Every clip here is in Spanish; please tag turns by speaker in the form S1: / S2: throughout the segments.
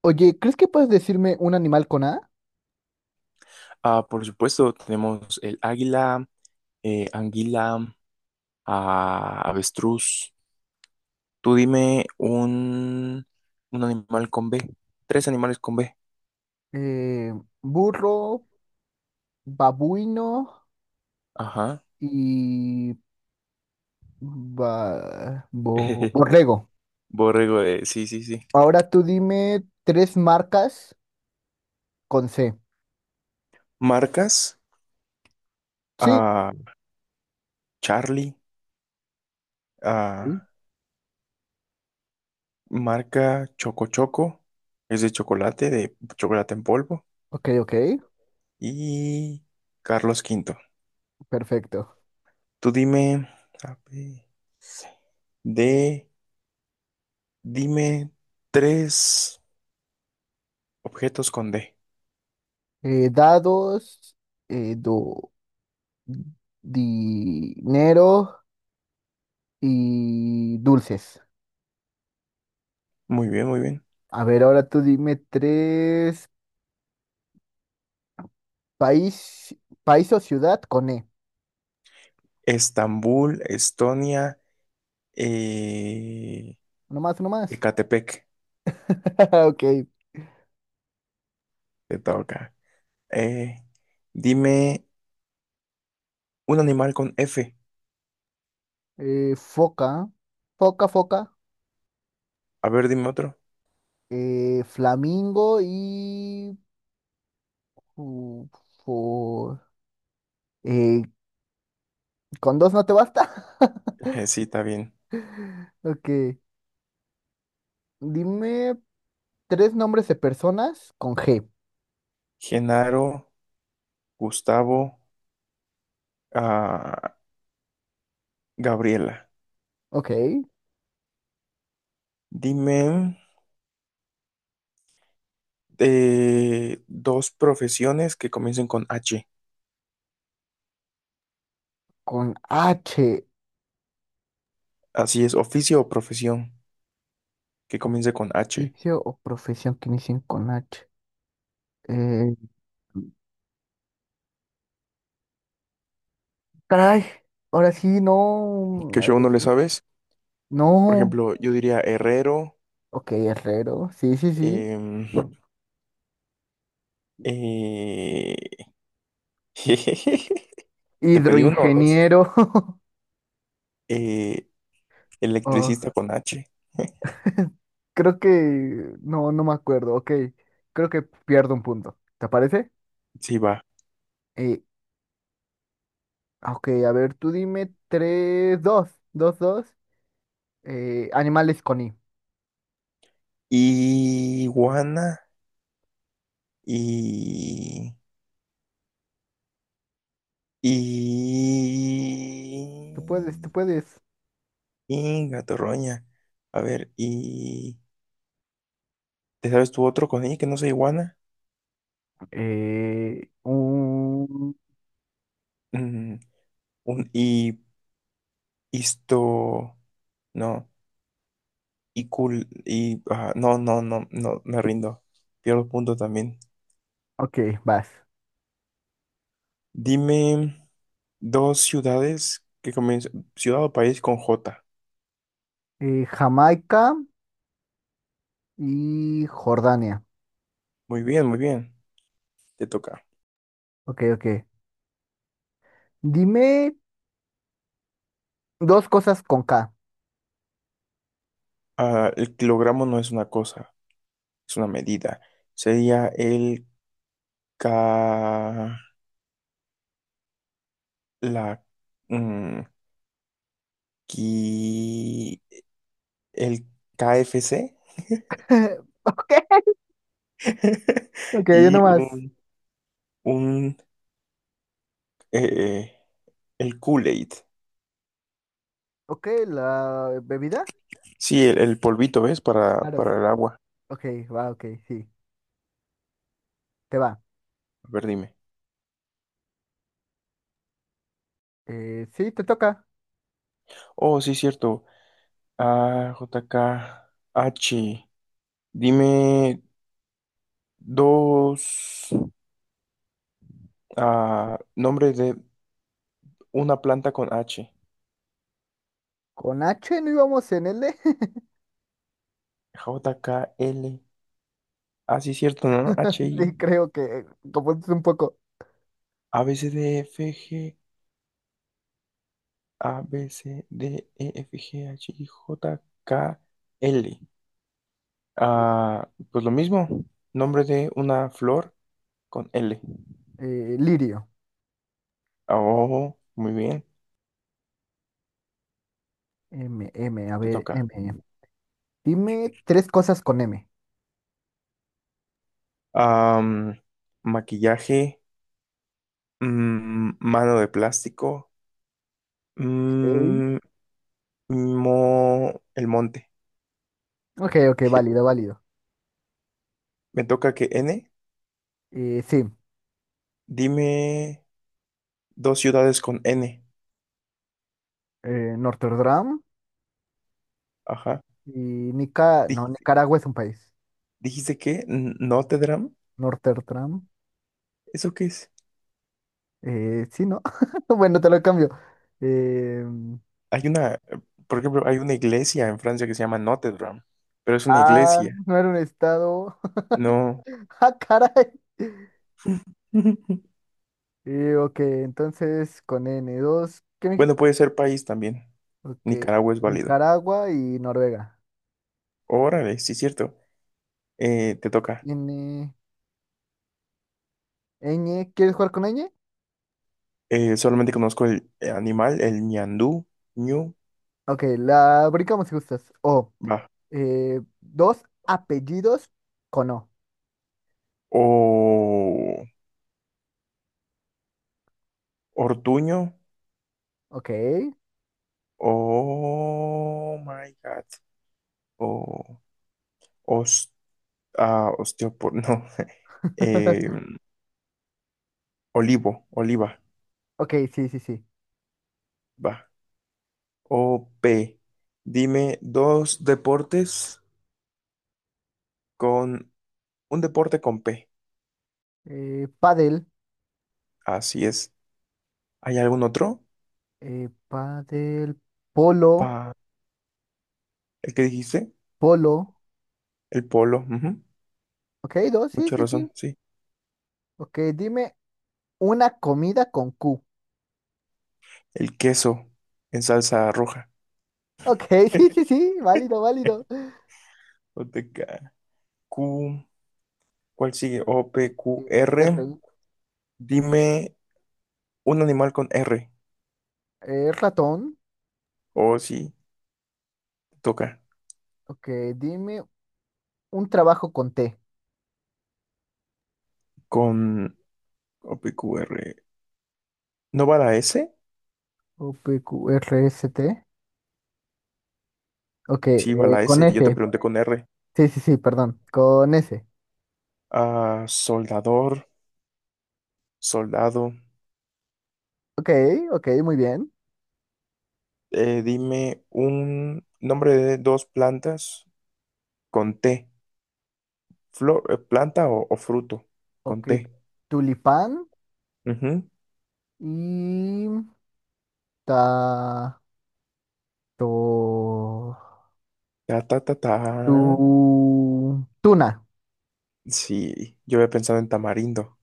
S1: Oye, ¿crees que puedes decirme un animal con A?
S2: Ah, por supuesto, tenemos el águila, anguila, avestruz. Tú dime un animal con B. Tres animales con B.
S1: Eh, burro, babuino
S2: Ajá.
S1: y borrego.
S2: Borrego de... Sí, sí, sí.
S1: Ahora tú dime tres marcas con C.
S2: Marcas.
S1: Sí.
S2: ah, Charlie.
S1: Sí.
S2: ah, Marca Choco Choco. Es de chocolate en polvo.
S1: Ok, ok,
S2: Y Carlos V.
S1: perfecto.
S2: Tú dime... A, B, C, D. Dime tres. Objetos con D.
S1: Dados, eh, do- dinero y dulces.
S2: Muy bien, muy bien.
S1: A ver, ahora tú dime tres país, país o ciudad con E.
S2: Estambul, Estonia, eh,
S1: No más, no más.
S2: Ecatepec,
S1: Ok,
S2: te toca. Eh, Dime un animal con F.
S1: foca, foca, foca,
S2: A ver, dime otro.
S1: flamingo y... fu- fu- eh, ¿con dos no te basta?
S2: Sí, está bien.
S1: Ok, dime tres nombres de personas con G.
S2: Genaro, Gustavo, ah, Gabriela.
S1: Ok,
S2: Dime dos profesiones que comiencen con H.
S1: con H,
S2: Así es, oficio o profesión que comience con H.
S1: oficio o profesión que inicien con H. Eh, caray, ahora sí, no,
S2: Que
S1: a
S2: yo no le
S1: ver,
S2: sabes. Por
S1: no.
S2: ejemplo, yo diría herrero.
S1: Ok, herrero, sí, sí, sí.
S2: Em, eh, Te pedí uno o dos.
S1: Hidroingeniero.
S2: Eh,
S1: Oh,
S2: Electricista con H.
S1: Creo que no, no me acuerdo. Ok, creo que pierdo un punto. ¿Te parece?
S2: Sí, va.
S1: Eh, ok, a ver, tú dime tres, dos, dos, dos. Animales con I.
S2: Iguana y... Y...
S1: Tú puedes, tú puedes.
S2: Y gatorroña. A ver, y... ¿Te sabes tú otro con I que no sea iguana?
S1: Eh, un...
S2: Mm, un y... Isto... No. Y cool... Y... ah, no, no, no, no, me rindo. Pierdo punto también.
S1: Ok, vas.
S2: Dime dos ciudades que comienzan, ciudad o país con J.
S1: Jamaica y Jordania.
S2: Muy bien, muy bien. Te toca.
S1: Ok, ok. Dime dos cosas con K.
S2: Ah, el kilogramo no es una cosa, es una medida. Sería el K, la, mm, qui- el KFC
S1: Ok, ok, yo
S2: y
S1: nomás.
S2: un eh, el Kool-Aid.
S1: Ok, la bebida.
S2: Sí, el polvito, ¿ves? Para,
S1: Claro.
S2: para el agua.
S1: Ok, va, ok, sí. Te va.
S2: A ver, dime.
S1: Sí, te toca.
S2: Oh, sí, cierto. A, J, K, H. Dime dos nombres de una planta con H.
S1: Con H no íbamos en L.
S2: J, K, L. Ah, sí, cierto, ¿no? H, I.
S1: Sí, creo que confundiste un poco.
S2: A, B, C, D, E, F, G. A, B, C, D, E, F, G, H, I, J, K, L. Ah, pues lo mismo. Nombre de una flor con L.
S1: Lirio.
S2: Oh, muy bien.
S1: M, M, a
S2: Te
S1: ver,
S2: toca.
S1: M. Dime tres cosas con M.
S2: Am, Maquillaje. Mano de plástico.
S1: Ok,
S2: mm, Mo, el monte.
S1: ok, ok, válido, válido.
S2: Me toca que N.
S1: Sí,
S2: Dime dos ciudades con N.
S1: Norterdam
S2: Ajá.
S1: y Nica... No,
S2: Dijiste,
S1: Nicaragua es un país.
S2: dijiste que N- Notre Dame.
S1: Norterdam.
S2: ¿Eso qué es?
S1: Sí, ¿no? Bueno, te lo cambio. Eh,
S2: Hay una, por ejemplo, hay una iglesia en Francia que se llama Notre Dame, pero es una iglesia.
S1: no era un estado.
S2: No.
S1: Ah, caray. Ok, entonces con n dos ¿Qué me
S2: Bueno,
S1: dijiste?
S2: puede ser país también.
S1: Ok.
S2: Nicaragua es válido.
S1: Nicaragua y Noruega.
S2: Órale, sí, cierto. Te toca.
S1: N, Ñ, ¿quieres jugar con Ñ?
S2: Solamente conozco el animal, el ñandú, ñu,
S1: Ok, la brincamos si gustas. O,
S2: va.
S1: dos apellidos con O.
S2: O, Ortuño.
S1: Ok.
S2: Oh my God. O os, ah, osteopor, no. Eh, Olivo, oliva,
S1: Ok, sí, sí, sí.
S2: va. O-P. Dime dos deportes con un deporte con P.
S1: Pádel,
S2: Así es. ¿Hay algún otro?
S1: pádel, polo,
S2: Pa, ¿el que dijiste?
S1: polo.
S2: El polo. Ujú.
S1: Ok, dos, sí,
S2: Mucha
S1: sí, sí.
S2: razón, sí.
S1: Ok, dime una comida con Q.
S2: El queso en salsa roja.
S1: Ok, sí, sí, sí, válido, válido.
S2: OTK. Q, ¿cuál sigue? O, P, Q,
S1: Eh,
S2: R.
S1: R,
S2: Dime un animal con R.
S1: ratón.
S2: O sí, te toca.
S1: Ok, dime un trabajo con T.
S2: Con O, P, Q, R, ¿no va la S?
S1: O P Q R OPQRST. Ok,
S2: Sí, va la
S1: con
S2: S. Yo te
S1: S.
S2: pregunté con R.
S1: Sí, sí, sí, perdón. Con S.
S2: Ah, soldador, soldado.
S1: Ok, ok, muy bien.
S2: Dime un nombre de dos plantas con T. Flor, planta o fruto con
S1: Ok,
S2: T.
S1: tulipán
S2: Ujú.
S1: y ta to
S2: Ta, ta, ta, ta.
S1: tu tuna.
S2: Sí, yo había pensado en tamarindo.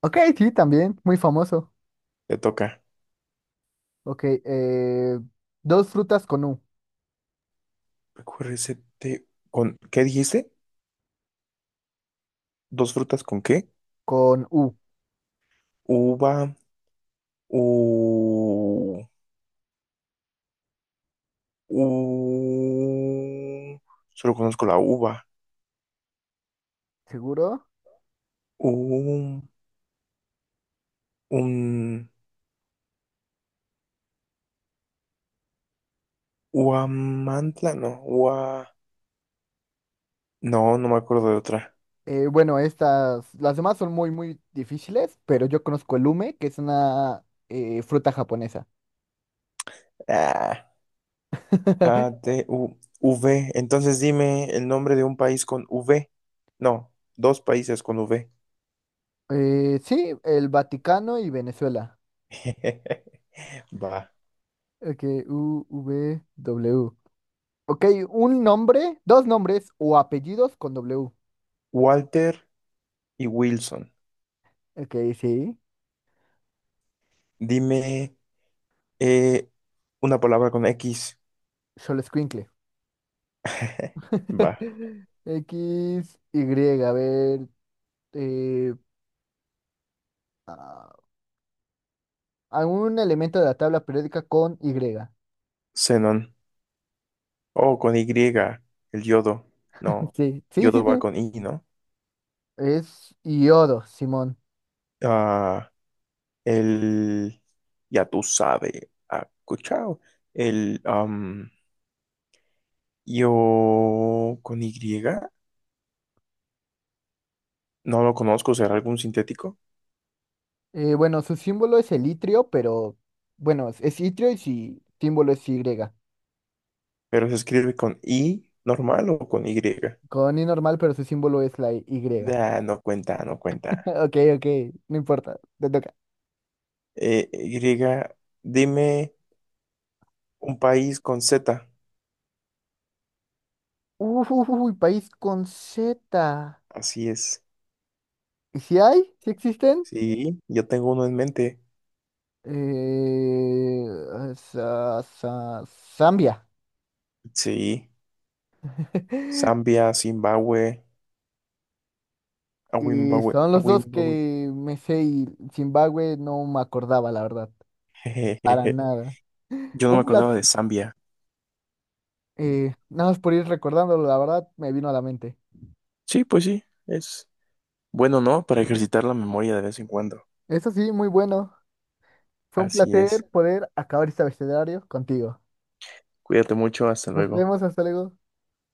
S1: Ok, sí, también, muy famoso.
S2: Te toca.
S1: Ok, dos frutas con U.
S2: Recuérdese, te- ¿con qué dijiste? ¿Dos frutas con qué?
S1: Con U,
S2: Uva. U, u, solo conozco la uva.
S1: seguro.
S2: U, un, uamantla, no, ua, no, no me acuerdo de otra.
S1: Bueno, estas, las demás son muy, muy difíciles, pero yo conozco el ume, que es una fruta japonesa.
S2: Ah, A, T, U, V. Entonces dime el nombre de un país con V. No, dos países con V.
S1: Sí, el Vaticano y Venezuela.
S2: Va.
S1: Ok, U, V, W. Ok, un nombre, dos nombres o apellidos con W.
S2: Walter y Wilson.
S1: Ok, sí.
S2: Dime eh, una palabra con X.
S1: Xolescuincle.
S2: Va.
S1: X, Y, a ver. eh, ah, algún elemento de la tabla periódica con Y.
S2: Xenón. Oh, con Y, el yodo. No,
S1: Sí, sí, sí,
S2: yodo va
S1: sí.
S2: con I, ¿no?
S1: Es iodo, Simón.
S2: Ah, el, ya tú sabes, ah, escuchado. El, yo con Y, no lo conozco, será algún sintético,
S1: Bueno, su símbolo es el itrio, pero bueno, es itrio y su símbolo es Y.
S2: pero se escribe con I normal o con Y.
S1: Con I normal, pero su símbolo es la Y.
S2: Ah, no cuenta, no cuenta.
S1: Ok, ok, no importa, te toca.
S2: Y, dime un país con Z.
S1: Uf, uf, uy, país con Z.
S2: Así es.
S1: ¿Y si hay? ¿Si existen?
S2: Sí, yo tengo uno en mente.
S1: Eh, Zambia.
S2: Sí, Zambia, Zimbabue. A
S1: Y
S2: Wimbawe,
S1: son
S2: a
S1: los dos
S2: Wimbawe.
S1: que me sé y Zimbabue no me acordaba, la verdad, para
S2: Jejejeje.
S1: nada.
S2: Yo no me
S1: Un pla-
S2: acordaba de Zambia.
S1: nada más por ir recordándolo, la verdad, me vino a la mente.
S2: Sí, pues sí, es bueno, ¿no? Para ejercitar la memoria de vez en cuando.
S1: Eso sí, muy bueno. Fue un
S2: Así
S1: placer
S2: es.
S1: poder acabar este abecedario contigo.
S2: Cuídate mucho, hasta
S1: Nos
S2: luego.
S1: vemos, hasta luego.